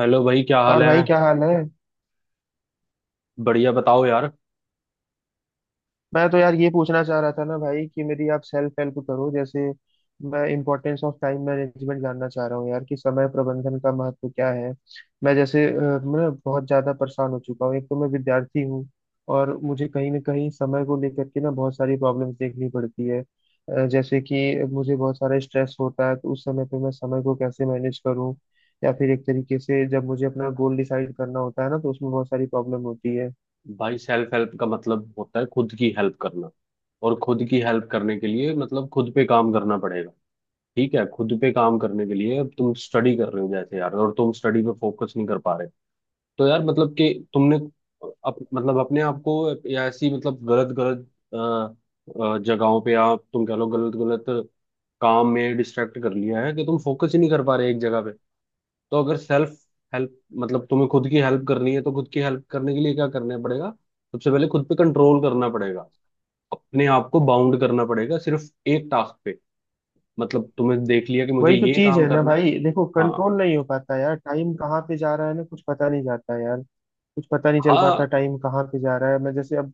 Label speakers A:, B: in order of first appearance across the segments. A: Hello भाई, क्या हाल
B: और
A: है।
B: भाई, क्या हाल है।
A: बढ़िया, बताओ यार।
B: मैं तो यार ये पूछना चाह रहा था ना भाई कि मेरी आप सेल्फ हेल्प करो। जैसे मैं इम्पोर्टेंस ऑफ टाइम मैनेजमेंट जानना चाह रहा हूँ यार कि समय प्रबंधन का महत्व क्या है। मैं बहुत ज़्यादा परेशान हो चुका हूँ। एक तो मैं विद्यार्थी हूँ और मुझे कहीं ना कहीं समय को लेकर के ना बहुत सारी प्रॉब्लम्स देखनी पड़ती है। जैसे कि मुझे बहुत सारा स्ट्रेस होता है, तो उस समय पे मैं समय को कैसे मैनेज करूँ? या फिर एक तरीके से जब मुझे अपना गोल डिसाइड करना होता है ना, तो उसमें बहुत सारी प्रॉब्लम होती है।
A: भाई, सेल्फ हेल्प का मतलब होता है खुद की हेल्प करना। और खुद की हेल्प करने के लिए मतलब खुद पे काम करना पड़ेगा। ठीक है। खुद पे काम करने के लिए अब तुम स्टडी कर रहे हो जैसे यार, और तुम स्टडी पे फोकस नहीं कर पा रहे। तो यार मतलब कि तुमने मतलब अपने आप को, या ऐसी मतलब गलत गलत अ, जगहों पे, आप तुम कह लो, गलत गलत काम में डिस्ट्रैक्ट कर लिया है कि तुम फोकस ही नहीं कर पा रहे एक जगह पे। तो अगर सेल्फ हेल्प मतलब तुम्हें खुद की हेल्प करनी है, तो खुद की हेल्प करने के लिए क्या करना पड़ेगा? सबसे पहले खुद पे कंट्रोल करना पड़ेगा। अपने आप को बाउंड करना पड़ेगा सिर्फ एक टास्क पे। मतलब तुमने देख लिया कि मुझे
B: वही तो
A: ये
B: चीज
A: काम
B: है ना
A: करना है।
B: भाई। देखो,
A: हाँ।
B: कंट्रोल नहीं हो पाता यार, टाइम कहाँ पे जा रहा है ना, कुछ पता नहीं जाता है यार। कुछ पता नहीं चल पाता
A: हाँ।
B: टाइम कहाँ पे जा रहा है। मैं जैसे अब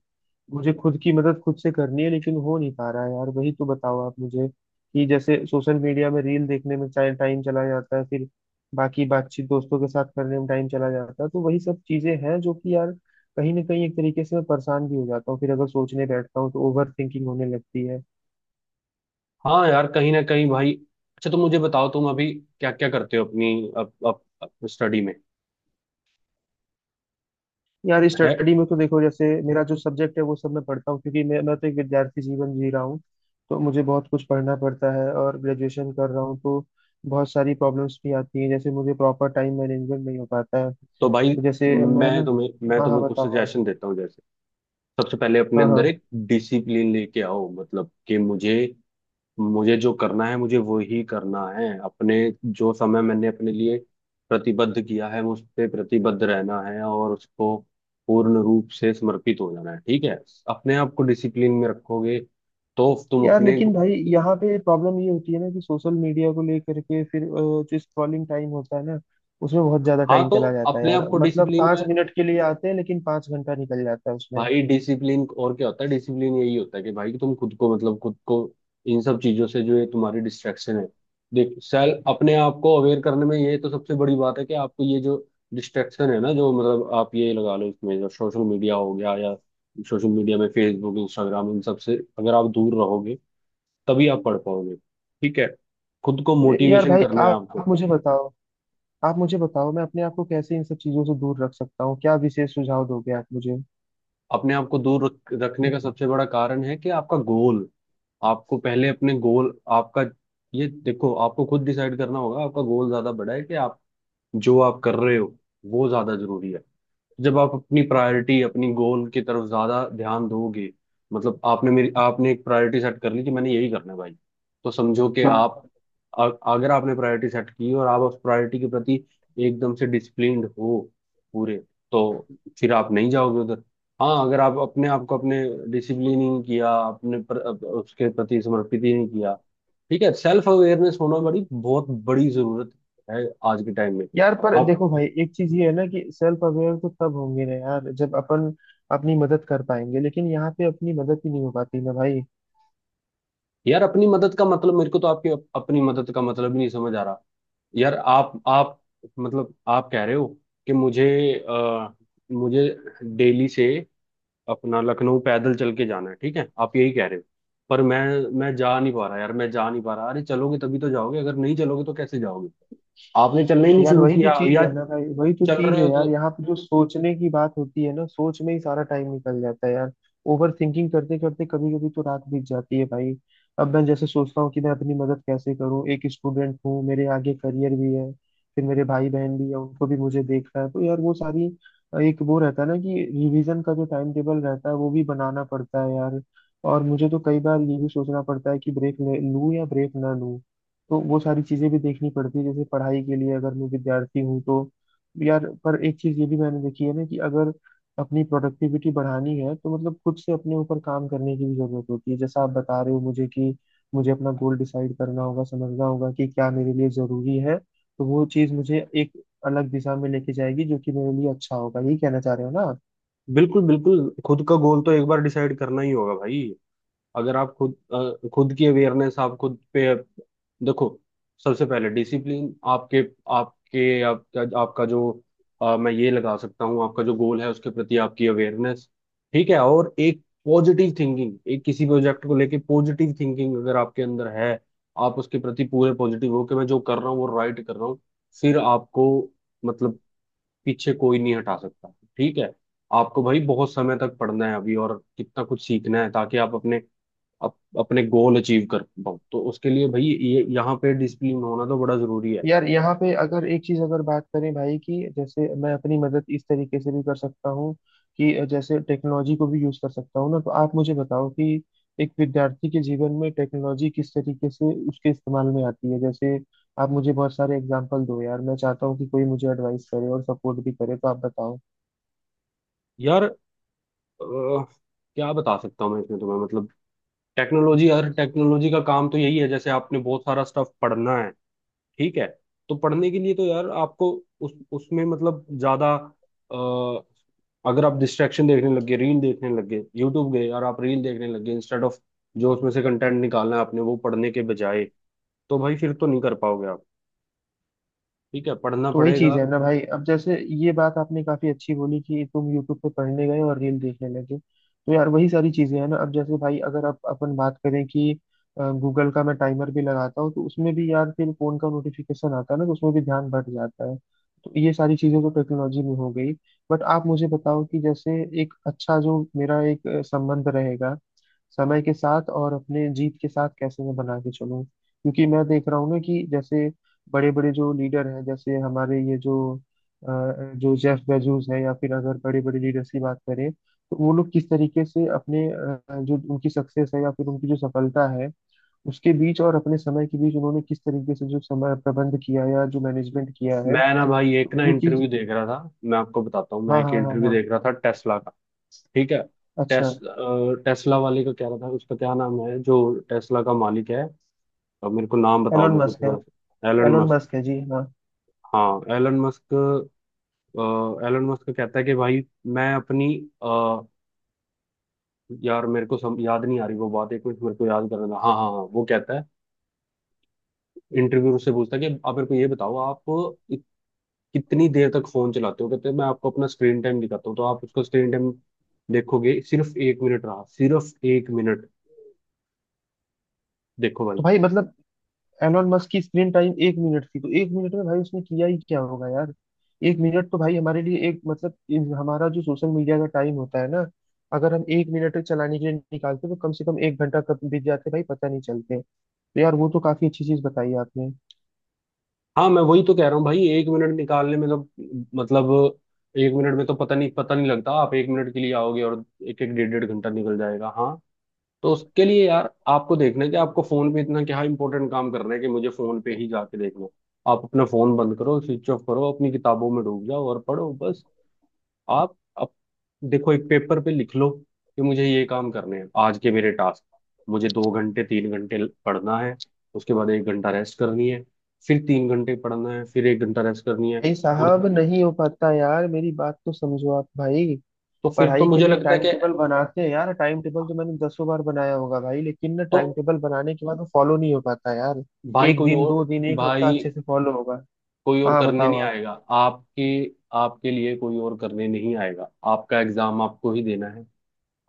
B: मुझे खुद की मदद खुद से करनी है, लेकिन हो नहीं पा रहा है यार। वही तो बताओ आप मुझे कि जैसे सोशल मीडिया में रील देखने में चाहे टाइम चला जाता है, फिर बाकी बातचीत दोस्तों के साथ करने में टाइम चला जाता है। तो वही सब चीजें हैं जो कि यार कहीं ना कहीं एक तरीके से मैं परेशान भी हो जाता हूँ, फिर अगर सोचने बैठता हूँ तो ओवर थिंकिंग होने लगती है।
A: हाँ, यार कहीं ना कहीं भाई। अच्छा, तुम मुझे बताओ, तुम अभी क्या क्या करते हो अपनी अप, अप, अप स्टडी में।
B: यार
A: है।
B: स्टडी में तो देखो, जैसे मेरा जो सब्जेक्ट है वो सब मैं पढ़ता हूँ, क्योंकि मैं तो एक विद्यार्थी जीवन जी रहा हूँ। तो मुझे बहुत कुछ पढ़ना पड़ता है, और ग्रेजुएशन कर रहा हूँ तो बहुत सारी प्रॉब्लम्स भी आती हैं। जैसे मुझे प्रॉपर टाइम मैनेजमेंट नहीं हो पाता है।
A: तो भाई,
B: तो जैसे मैं
A: मैं
B: ना,
A: तुम्हें मैं
B: हाँ हाँ
A: तुम्हें कुछ
B: बताओ आप।
A: सजेशन देता हूँ जैसे। सबसे पहले अपने
B: हाँ
A: अंदर
B: हाँ।
A: एक डिसिप्लिन लेके आओ, मतलब कि मुझे मुझे जो करना है, मुझे वो ही करना है। अपने, जो समय मैंने अपने लिए प्रतिबद्ध किया है उस पे प्रतिबद्ध रहना है, और उसको पूर्ण रूप से समर्पित हो जाना है। ठीक है। अपने आप को डिसिप्लिन में रखोगे तो तुम
B: यार
A: अपने।
B: लेकिन भाई यहाँ पे प्रॉब्लम ये होती है ना कि सोशल मीडिया को लेकर के फिर जो स्क्रॉलिंग टाइम होता है ना, उसमें बहुत ज्यादा
A: हाँ।
B: टाइम
A: तो
B: चला जाता है
A: अपने आप
B: यार।
A: को
B: मतलब
A: डिसिप्लिन
B: पाँच
A: में,
B: मिनट के लिए आते हैं, लेकिन 5 घंटा निकल जाता है उसमें।
A: भाई डिसिप्लिन और क्या होता है? डिसिप्लिन यही होता है कि भाई तुम खुद को, मतलब खुद को इन सब चीजों से, जो ये तुम्हारी डिस्ट्रैक्शन है। देख, सेल्फ अपने आप को अवेयर करने में ये तो सबसे बड़ी बात है, कि आपको ये जो डिस्ट्रैक्शन है ना, जो मतलब आप ये लगा लो इसमें, जो सोशल मीडिया हो गया या सोशल मीडिया में फेसबुक, इंस्टाग्राम, इन सब से अगर आप दूर रहोगे, तभी आप पढ़ पाओगे। ठीक है। खुद को
B: तो यार
A: मोटिवेशन
B: भाई,
A: करना है
B: आप
A: आपको।
B: आप मुझे बताओ। आप मुझे बताओ, मैं अपने आप को कैसे इन सब चीजों से दूर रख सकता हूँ, क्या विशेष सुझाव दोगे आप मुझे?
A: अपने आप को दूर रखने का सबसे बड़ा कारण है कि आपका गोल, आपको पहले अपने गोल, आपका, ये देखो, आपको खुद डिसाइड करना होगा, आपका गोल ज्यादा बड़ा है कि आप जो आप कर रहे हो वो ज्यादा जरूरी है। जब आप अपनी प्रायोरिटी, अपनी गोल की तरफ ज्यादा ध्यान दोगे, मतलब आपने एक प्रायोरिटी सेट कर ली कि मैंने यही करना है भाई, तो समझो कि
B: हाँ।
A: आप, अगर आपने प्रायोरिटी सेट की और आप उस प्रायोरिटी के प्रति एकदम से डिसिप्लिन्ड हो पूरे, तो फिर आप नहीं जाओगे उधर। हाँ, अगर आप अपने आप को अपने डिसिप्लिन नहीं किया, अपने उसके प्रति समर्पित ही नहीं किया। ठीक है। सेल्फ अवेयरनेस होना बड़ी बहुत बड़ी जरूरत है आज के टाइम में।
B: यार पर
A: आप।
B: देखो भाई, एक चीज ये है ना कि सेल्फ अवेयर तो तब होंगे ना यार जब अपन अपनी मदद कर पाएंगे, लेकिन यहाँ पे अपनी मदद ही नहीं हो पाती ना भाई।
A: यार, अपनी मदद का मतलब मेरे को तो आपकी अपनी मदद का मतलब ही नहीं समझ आ रहा। यार आप मतलब, आप कह रहे हो कि अ, मुझे दिल्ली से अपना लखनऊ पैदल चल के जाना है, ठीक है, आप यही कह रहे हो। पर मैं जा नहीं पा रहा यार, मैं जा नहीं पा रहा। अरे, चलोगे तभी तो जाओगे, अगर नहीं चलोगे तो कैसे जाओगे? आपने चलना ही नहीं
B: यार
A: शुरू
B: वही तो
A: किया,
B: चीज
A: या
B: है ना भाई, वही तो
A: चल
B: चीज
A: रहे
B: है
A: हो तो।
B: यार, यहाँ पे जो सोचने की बात होती है ना, सोच में ही सारा टाइम निकल जाता है यार। ओवर थिंकिंग करते करते कभी कभी तो रात बीत जाती है भाई। अब मैं जैसे सोचता हूँ कि मैं अपनी मदद कैसे करूँ, एक स्टूडेंट हूँ, मेरे आगे करियर भी है, फिर मेरे भाई बहन भी है, उनको भी मुझे देखना है। तो यार वो सारी, एक वो रहता है ना कि रिवीजन का जो टाइम टेबल रहता है, वो भी बनाना पड़ता है यार। और मुझे तो कई बार ये भी सोचना पड़ता है कि ब्रेक ले लूँ या ब्रेक ना लूँ। तो वो सारी चीजें भी देखनी पड़ती है, जैसे पढ़ाई के लिए अगर मैं विद्यार्थी हूँ तो। यार पर एक चीज ये भी मैंने देखी है ना कि अगर अपनी प्रोडक्टिविटी बढ़ानी है, तो मतलब खुद से अपने ऊपर काम करने की भी जरूरत होती है, जैसा आप बता रहे हो मुझे कि मुझे अपना गोल डिसाइड करना होगा, समझना होगा कि क्या मेरे लिए जरूरी है। तो वो चीज मुझे एक अलग दिशा में लेके जाएगी, जो कि मेरे लिए अच्छा होगा, यही कहना चाह रहे हो ना आप?
A: बिल्कुल, बिल्कुल। खुद का गोल तो एक बार डिसाइड करना ही होगा भाई। अगर आप खुद की अवेयरनेस, आप खुद पे देखो, सबसे पहले डिसिप्लिन आपके आपके आपका आपका जो मैं ये लगा सकता हूँ, आपका जो गोल है उसके प्रति आपकी अवेयरनेस। ठीक है। और एक पॉजिटिव थिंकिंग, एक किसी प्रोजेक्ट को लेके पॉजिटिव थिंकिंग अगर आपके अंदर है, आप उसके प्रति पूरे पॉजिटिव हो कि मैं जो कर रहा हूँ वो राइट कर रहा हूँ, फिर आपको, मतलब पीछे कोई नहीं हटा सकता। ठीक है। आपको भाई बहुत समय तक पढ़ना है अभी, और कितना कुछ सीखना है ताकि आप अपने गोल अचीव कर पाऊँ, तो उसके लिए भाई ये यहाँ पे डिसिप्लिन होना तो बड़ा जरूरी है।
B: यार, यहाँ पे अगर एक चीज अगर बात करें भाई, कि जैसे मैं अपनी मदद इस तरीके से भी कर सकता हूँ कि जैसे टेक्नोलॉजी को भी यूज कर सकता हूँ ना, तो आप मुझे बताओ कि एक विद्यार्थी के जीवन में टेक्नोलॉजी किस तरीके से उसके इस्तेमाल में आती है। जैसे आप मुझे बहुत सारे एग्जाम्पल दो यार, मैं चाहता हूँ कि कोई मुझे एडवाइस करे और सपोर्ट भी करे, तो आप बताओ।
A: यार क्या बता सकता हूँ मैं इसमें तुम्हें, मतलब टेक्नोलॉजी। यार, टेक्नोलॉजी का काम तो यही है। जैसे आपने बहुत सारा स्टफ पढ़ना है, ठीक है, तो पढ़ने के लिए तो यार आपको उस उसमें मतलब ज्यादा, अ, अगर आप डिस्ट्रैक्शन देखने लग गए, रील देखने लग गए, यूट्यूब गए और आप रील देखने लग गए, इंस्टेड ऑफ जो उसमें से कंटेंट निकालना है आपने, वो पढ़ने के बजाय, तो भाई फिर तो नहीं कर पाओगे आप। ठीक है, पढ़ना
B: तो वही
A: पड़ेगा।
B: चीज है ना भाई, अब जैसे ये बात आपने काफी अच्छी बोली कि तुम यूट्यूब पे पढ़ने गए और रील देखने लगे। तो यार वही सारी चीजें हैं ना, अब जैसे भाई, अगर आप अपन बात करें कि गूगल का मैं टाइमर भी लगाता हूँ, तो उसमें भी यार फिर फोन का नोटिफिकेशन आता है ना, तो उसमें भी ध्यान भट जाता है। तो ये सारी चीजें तो टेक्नोलॉजी में हो गई। बट आप मुझे बताओ कि जैसे एक अच्छा जो मेरा एक संबंध रहेगा समय के साथ और अपने जीत के साथ, कैसे मैं बना के चलूं, क्योंकि मैं देख रहा हूँ ना कि जैसे बड़े बड़े जो लीडर हैं, जैसे हमारे ये जो जेफ बेजोस है, या फिर अगर बड़े बड़े लीडर्स की बात करें, तो वो लोग किस तरीके से अपने जो उनकी सक्सेस है या फिर उनकी जो सफलता है, उसके बीच और अपने समय के बीच उन्होंने किस तरीके से जो समय प्रबंध किया या जो मैनेजमेंट किया है।
A: मैं ना भाई, एक
B: तो
A: ना
B: वो
A: इंटरव्यू
B: चीज,
A: देख रहा था, मैं आपको बताता हूँ, मैं
B: हाँ
A: एक
B: हाँ हाँ
A: इंटरव्यू
B: हाँ,
A: देख रहा था टेस्ला का। ठीक है।
B: अच्छा।
A: टेस्ला वाले का कह रहा था, उसका क्या नाम है जो टेस्ला का मालिक है? अब मेरे को नाम बताओ,
B: एलोन
A: मेरे को
B: मस्क है,
A: थोड़ा, एलन
B: एलोन
A: मस्क।
B: मस्क है जी हाँ।
A: हाँ, एलन मस्क। अ, एलन मस्क का कहता है कि भाई, मैं अपनी अ, यार मेरे को याद नहीं आ रही वो बात, एक मिनट मेरे को याद करना था। हाँ, हाँ, हाँ, वो कहता है, इंटरव्यू से पूछता है कि आप मेरे को ये बताओ, आप कितनी देर तक फोन चलाते हो? कहते हैं, मैं आपको अपना स्क्रीन टाइम दिखाता हूँ, तो आप उसका स्क्रीन टाइम देखोगे, सिर्फ एक मिनट रहा, सिर्फ एक मिनट। देखो भाई।
B: तो भाई मतलब एलोन मस्क की स्क्रीन टाइम 1 मिनट थी, तो 1 मिनट में भाई उसने किया ही क्या होगा यार। 1 मिनट तो भाई हमारे लिए एक मतलब हमारा जो सोशल मीडिया का टाइम होता है ना, अगर हम 1 मिनट चलाने के लिए निकालते, तो कम से कम 1 घंटा कब बीत जाते भाई, पता नहीं चलते। तो यार वो तो काफी अच्छी चीज बताई आपने।
A: हाँ, मैं वही तो कह रहा हूँ भाई, एक मिनट निकालने में तो मतलब, एक मिनट में तो पता नहीं, पता नहीं लगता। आप एक मिनट के लिए आओगे और एक एक डेढ़ डेढ़ घंटा निकल जाएगा। हाँ। तो उसके लिए यार आपको देखना है कि आपको फोन पे इतना क्या इंपॉर्टेंट काम करना है कि मुझे फोन पे ही जाके देखना है। आप अपना फोन बंद करो, स्विच ऑफ करो, अपनी किताबों में डूब जाओ और पढ़ो बस। आप, अब देखो, एक पेपर पे लिख लो कि मुझे ये काम करने हैं आज के मेरे टास्क। मुझे 2 घंटे, 3 घंटे पढ़ना है, उसके बाद एक घंटा रेस्ट करनी है, फिर 3 घंटे पढ़ना है, फिर एक घंटा रेस्ट करनी है,
B: भाई
A: और
B: साहब, नहीं हो पाता यार, मेरी बात तो समझो आप भाई।
A: तो फिर तो
B: पढ़ाई के
A: मुझे
B: लिए
A: लगता है
B: टाइम
A: कि,
B: टेबल बनाते हैं यार, टाइम टेबल तो मैंने दसों बार बनाया होगा भाई, लेकिन ना
A: तो
B: टाइम टेबल बनाने के बाद वो फॉलो नहीं हो पाता यार।
A: भाई
B: एक
A: कोई
B: दिन दो
A: और
B: दिन एक हफ्ता
A: भाई
B: अच्छे से फॉलो होगा।
A: कोई और
B: हाँ
A: करने
B: बताओ
A: नहीं
B: आप।
A: आएगा आपके, आपके लिए कोई और करने नहीं आएगा, आपका एग्जाम आपको ही देना है,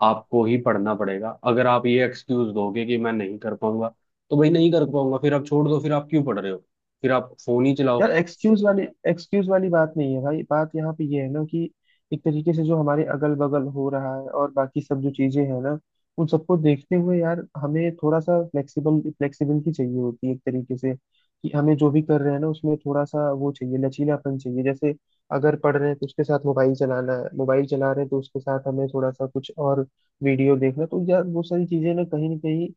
A: आपको ही पढ़ना पड़ेगा। अगर आप ये एक्सक्यूज दोगे कि मैं नहीं कर पाऊंगा, तो भाई नहीं कर पाऊंगा, फिर आप छोड़ दो, फिर आप क्यों पढ़ रहे हो? फिर आप फोन ही चलाओ।
B: यार, एक्सक्यूज वाली बात नहीं है भाई। बात यहाँ पे ये है ना कि एक तरीके से जो हमारे अगल बगल हो रहा है और बाकी सब जो चीजें हैं ना, उन सबको देखते हुए यार, हमें थोड़ा सा फ्लेक्सिबल, फ्लेक्सिबिलिटी चाहिए होती है एक तरीके से, कि हमें जो भी कर रहे हैं ना, उसमें थोड़ा सा वो चाहिए, लचीलापन चाहिए। जैसे अगर पढ़ रहे हैं तो उसके साथ मोबाइल चलाना है, मोबाइल चला रहे हैं तो उसके साथ हमें थोड़ा सा कुछ और वीडियो देखना। तो यार वो सारी चीजें ना कहीं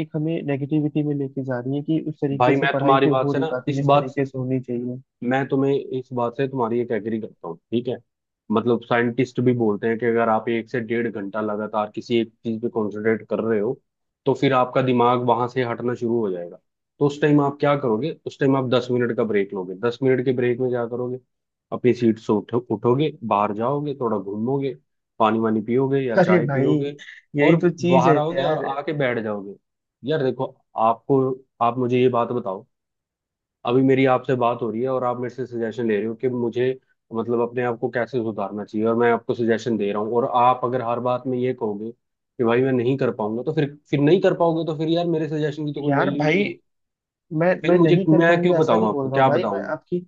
B: एक हमें नेगेटिविटी में लेके जा रही है, कि उस तरीके
A: भाई,
B: से
A: मैं
B: पढ़ाई
A: तुम्हारी
B: फिर
A: बात
B: हो
A: से
B: नहीं
A: ना,
B: पाती
A: इस
B: जिस
A: बात,
B: तरीके से होनी चाहिए।
A: मैं तुम्हें इस बात से तुम्हारी एक एग्री करता हूँ। ठीक है। मतलब साइंटिस्ट भी बोलते हैं कि अगर आप 1 से 1.5 घंटा लगातार किसी एक चीज पे कंसंट्रेट कर रहे हो, तो फिर आपका दिमाग वहां से हटना शुरू हो जाएगा। तो उस टाइम आप क्या करोगे? उस टाइम आप 10 मिनट का ब्रेक लोगे। 10 मिनट के ब्रेक में क्या करोगे? अपनी सीट से उठो, उठोगे बाहर जाओगे, थोड़ा घूमोगे, पानी वानी पियोगे या
B: अरे
A: चाय
B: भाई,
A: पियोगे, और
B: यही तो चीज है
A: बाहर आओगे और
B: यार।
A: आके बैठ जाओगे। यार देखो आपको, आप मुझे ये बात बताओ, अभी मेरी आपसे बात हो रही है और आप मेरे से सजेशन ले रहे हो कि मुझे, मतलब अपने आप को कैसे सुधारना चाहिए, और मैं आपको सजेशन दे रहा हूँ, और आप अगर हर बात में ये कहोगे कि भाई मैं नहीं कर पाऊंगा, तो फिर नहीं कर पाओगे, तो फिर यार मेरे सजेशन की तो कोई
B: यार
A: वैल्यू ही
B: भाई,
A: नहीं है।
B: मैं
A: फिर
B: मैं
A: मुझे,
B: नहीं कर
A: मैं क्यों
B: पाऊंगा, ऐसा
A: बताऊं
B: नहीं बोल
A: आपको?
B: रहा हूँ
A: क्या
B: भाई, मैं
A: बताऊं मैं?
B: आपकी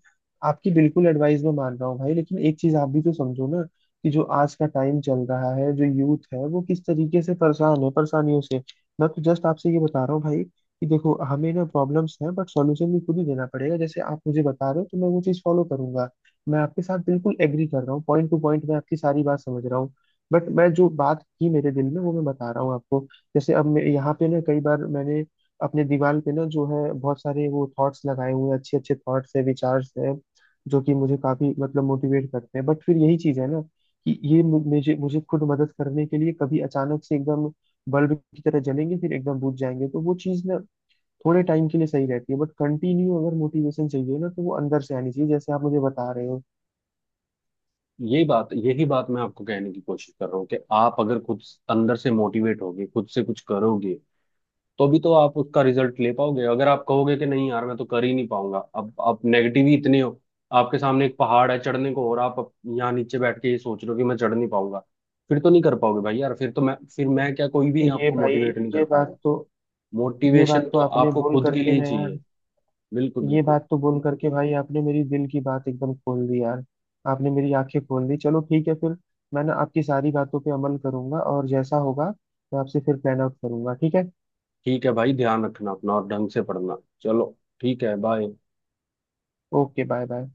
B: आपकी बिल्कुल एडवाइस में मान रहा हूँ भाई, लेकिन एक चीज आप भी तो समझो ना, कि जो आज का टाइम चल रहा है, जो यूथ है वो किस तरीके से परेशान है, परेशानियों से। मैं तो जस्ट आपसे ये बता रहा हूँ भाई कि देखो, हमें ना प्रॉब्लम्स हैं, बट सॉल्यूशन भी खुद ही देना पड़ेगा, जैसे आप मुझे बता रहे हो, तो मैं वो चीज फॉलो करूंगा। मैं आपके साथ बिल्कुल एग्री कर रहा हूँ, पॉइंट टू पॉइंट मैं आपकी सारी बात समझ रहा हूँ। बट मैं जो बात थी मेरे दिल में, वो मैं बता रहा हूँ आपको। जैसे अब मैं यहाँ पे ना, कई बार मैंने अपने दीवार पे ना जो है बहुत सारे वो थॉट्स लगाए हुए हैं, अच्छे अच्छे थॉट्स है, विचार्स है, जो कि मुझे काफी मतलब मोटिवेट करते हैं। बट फिर यही चीज है ना कि ये मु- मुझे मुझे खुद मदद करने के लिए कभी अचानक से एकदम बल्ब की तरह जलेंगे, फिर एकदम बुझ जाएंगे। तो वो चीज ना थोड़े टाइम के लिए सही रहती है, बट कंटिन्यू अगर मोटिवेशन चाहिए ना, तो वो अंदर से आनी चाहिए, जैसे आप मुझे बता रहे हो।
A: ये बात यही बात मैं आपको कहने की कोशिश कर रहा हूँ, कि आप अगर खुद अंदर से मोटिवेट होगे, खुद से कुछ करोगे, तो भी तो आप उसका रिजल्ट ले पाओगे। अगर आप कहोगे कि नहीं यार, मैं तो कर ही नहीं पाऊंगा, अब आप नेगेटिव ही इतने हो, आपके सामने एक पहाड़ है चढ़ने को और आप यहाँ नीचे बैठ के ये सोच रहे हो कि मैं चढ़ नहीं पाऊंगा, फिर तो नहीं कर पाओगे भाई। यार फिर मैं क्या, कोई भी
B: ये
A: आपको
B: भाई,
A: मोटिवेट नहीं कर
B: ये बात
A: पाएगा।
B: तो ये बात
A: मोटिवेशन
B: तो
A: तो
B: आपने
A: आपको
B: बोल
A: खुद के
B: करके
A: लिए
B: ना यार,
A: चाहिए। बिल्कुल,
B: ये
A: बिल्कुल।
B: बात तो बोल करके भाई आपने मेरी दिल की बात एकदम खोल दी यार। आपने मेरी आंखें खोल दी। चलो ठीक है फिर, मैं ना आपकी सारी बातों पे अमल करूंगा, और जैसा होगा मैं आपसे फिर प्लान आउट करूंगा, ठीक है।
A: ठीक है भाई, ध्यान रखना अपना और ढंग से पढ़ना। चलो, ठीक है, बाय।
B: Okay, bye bye.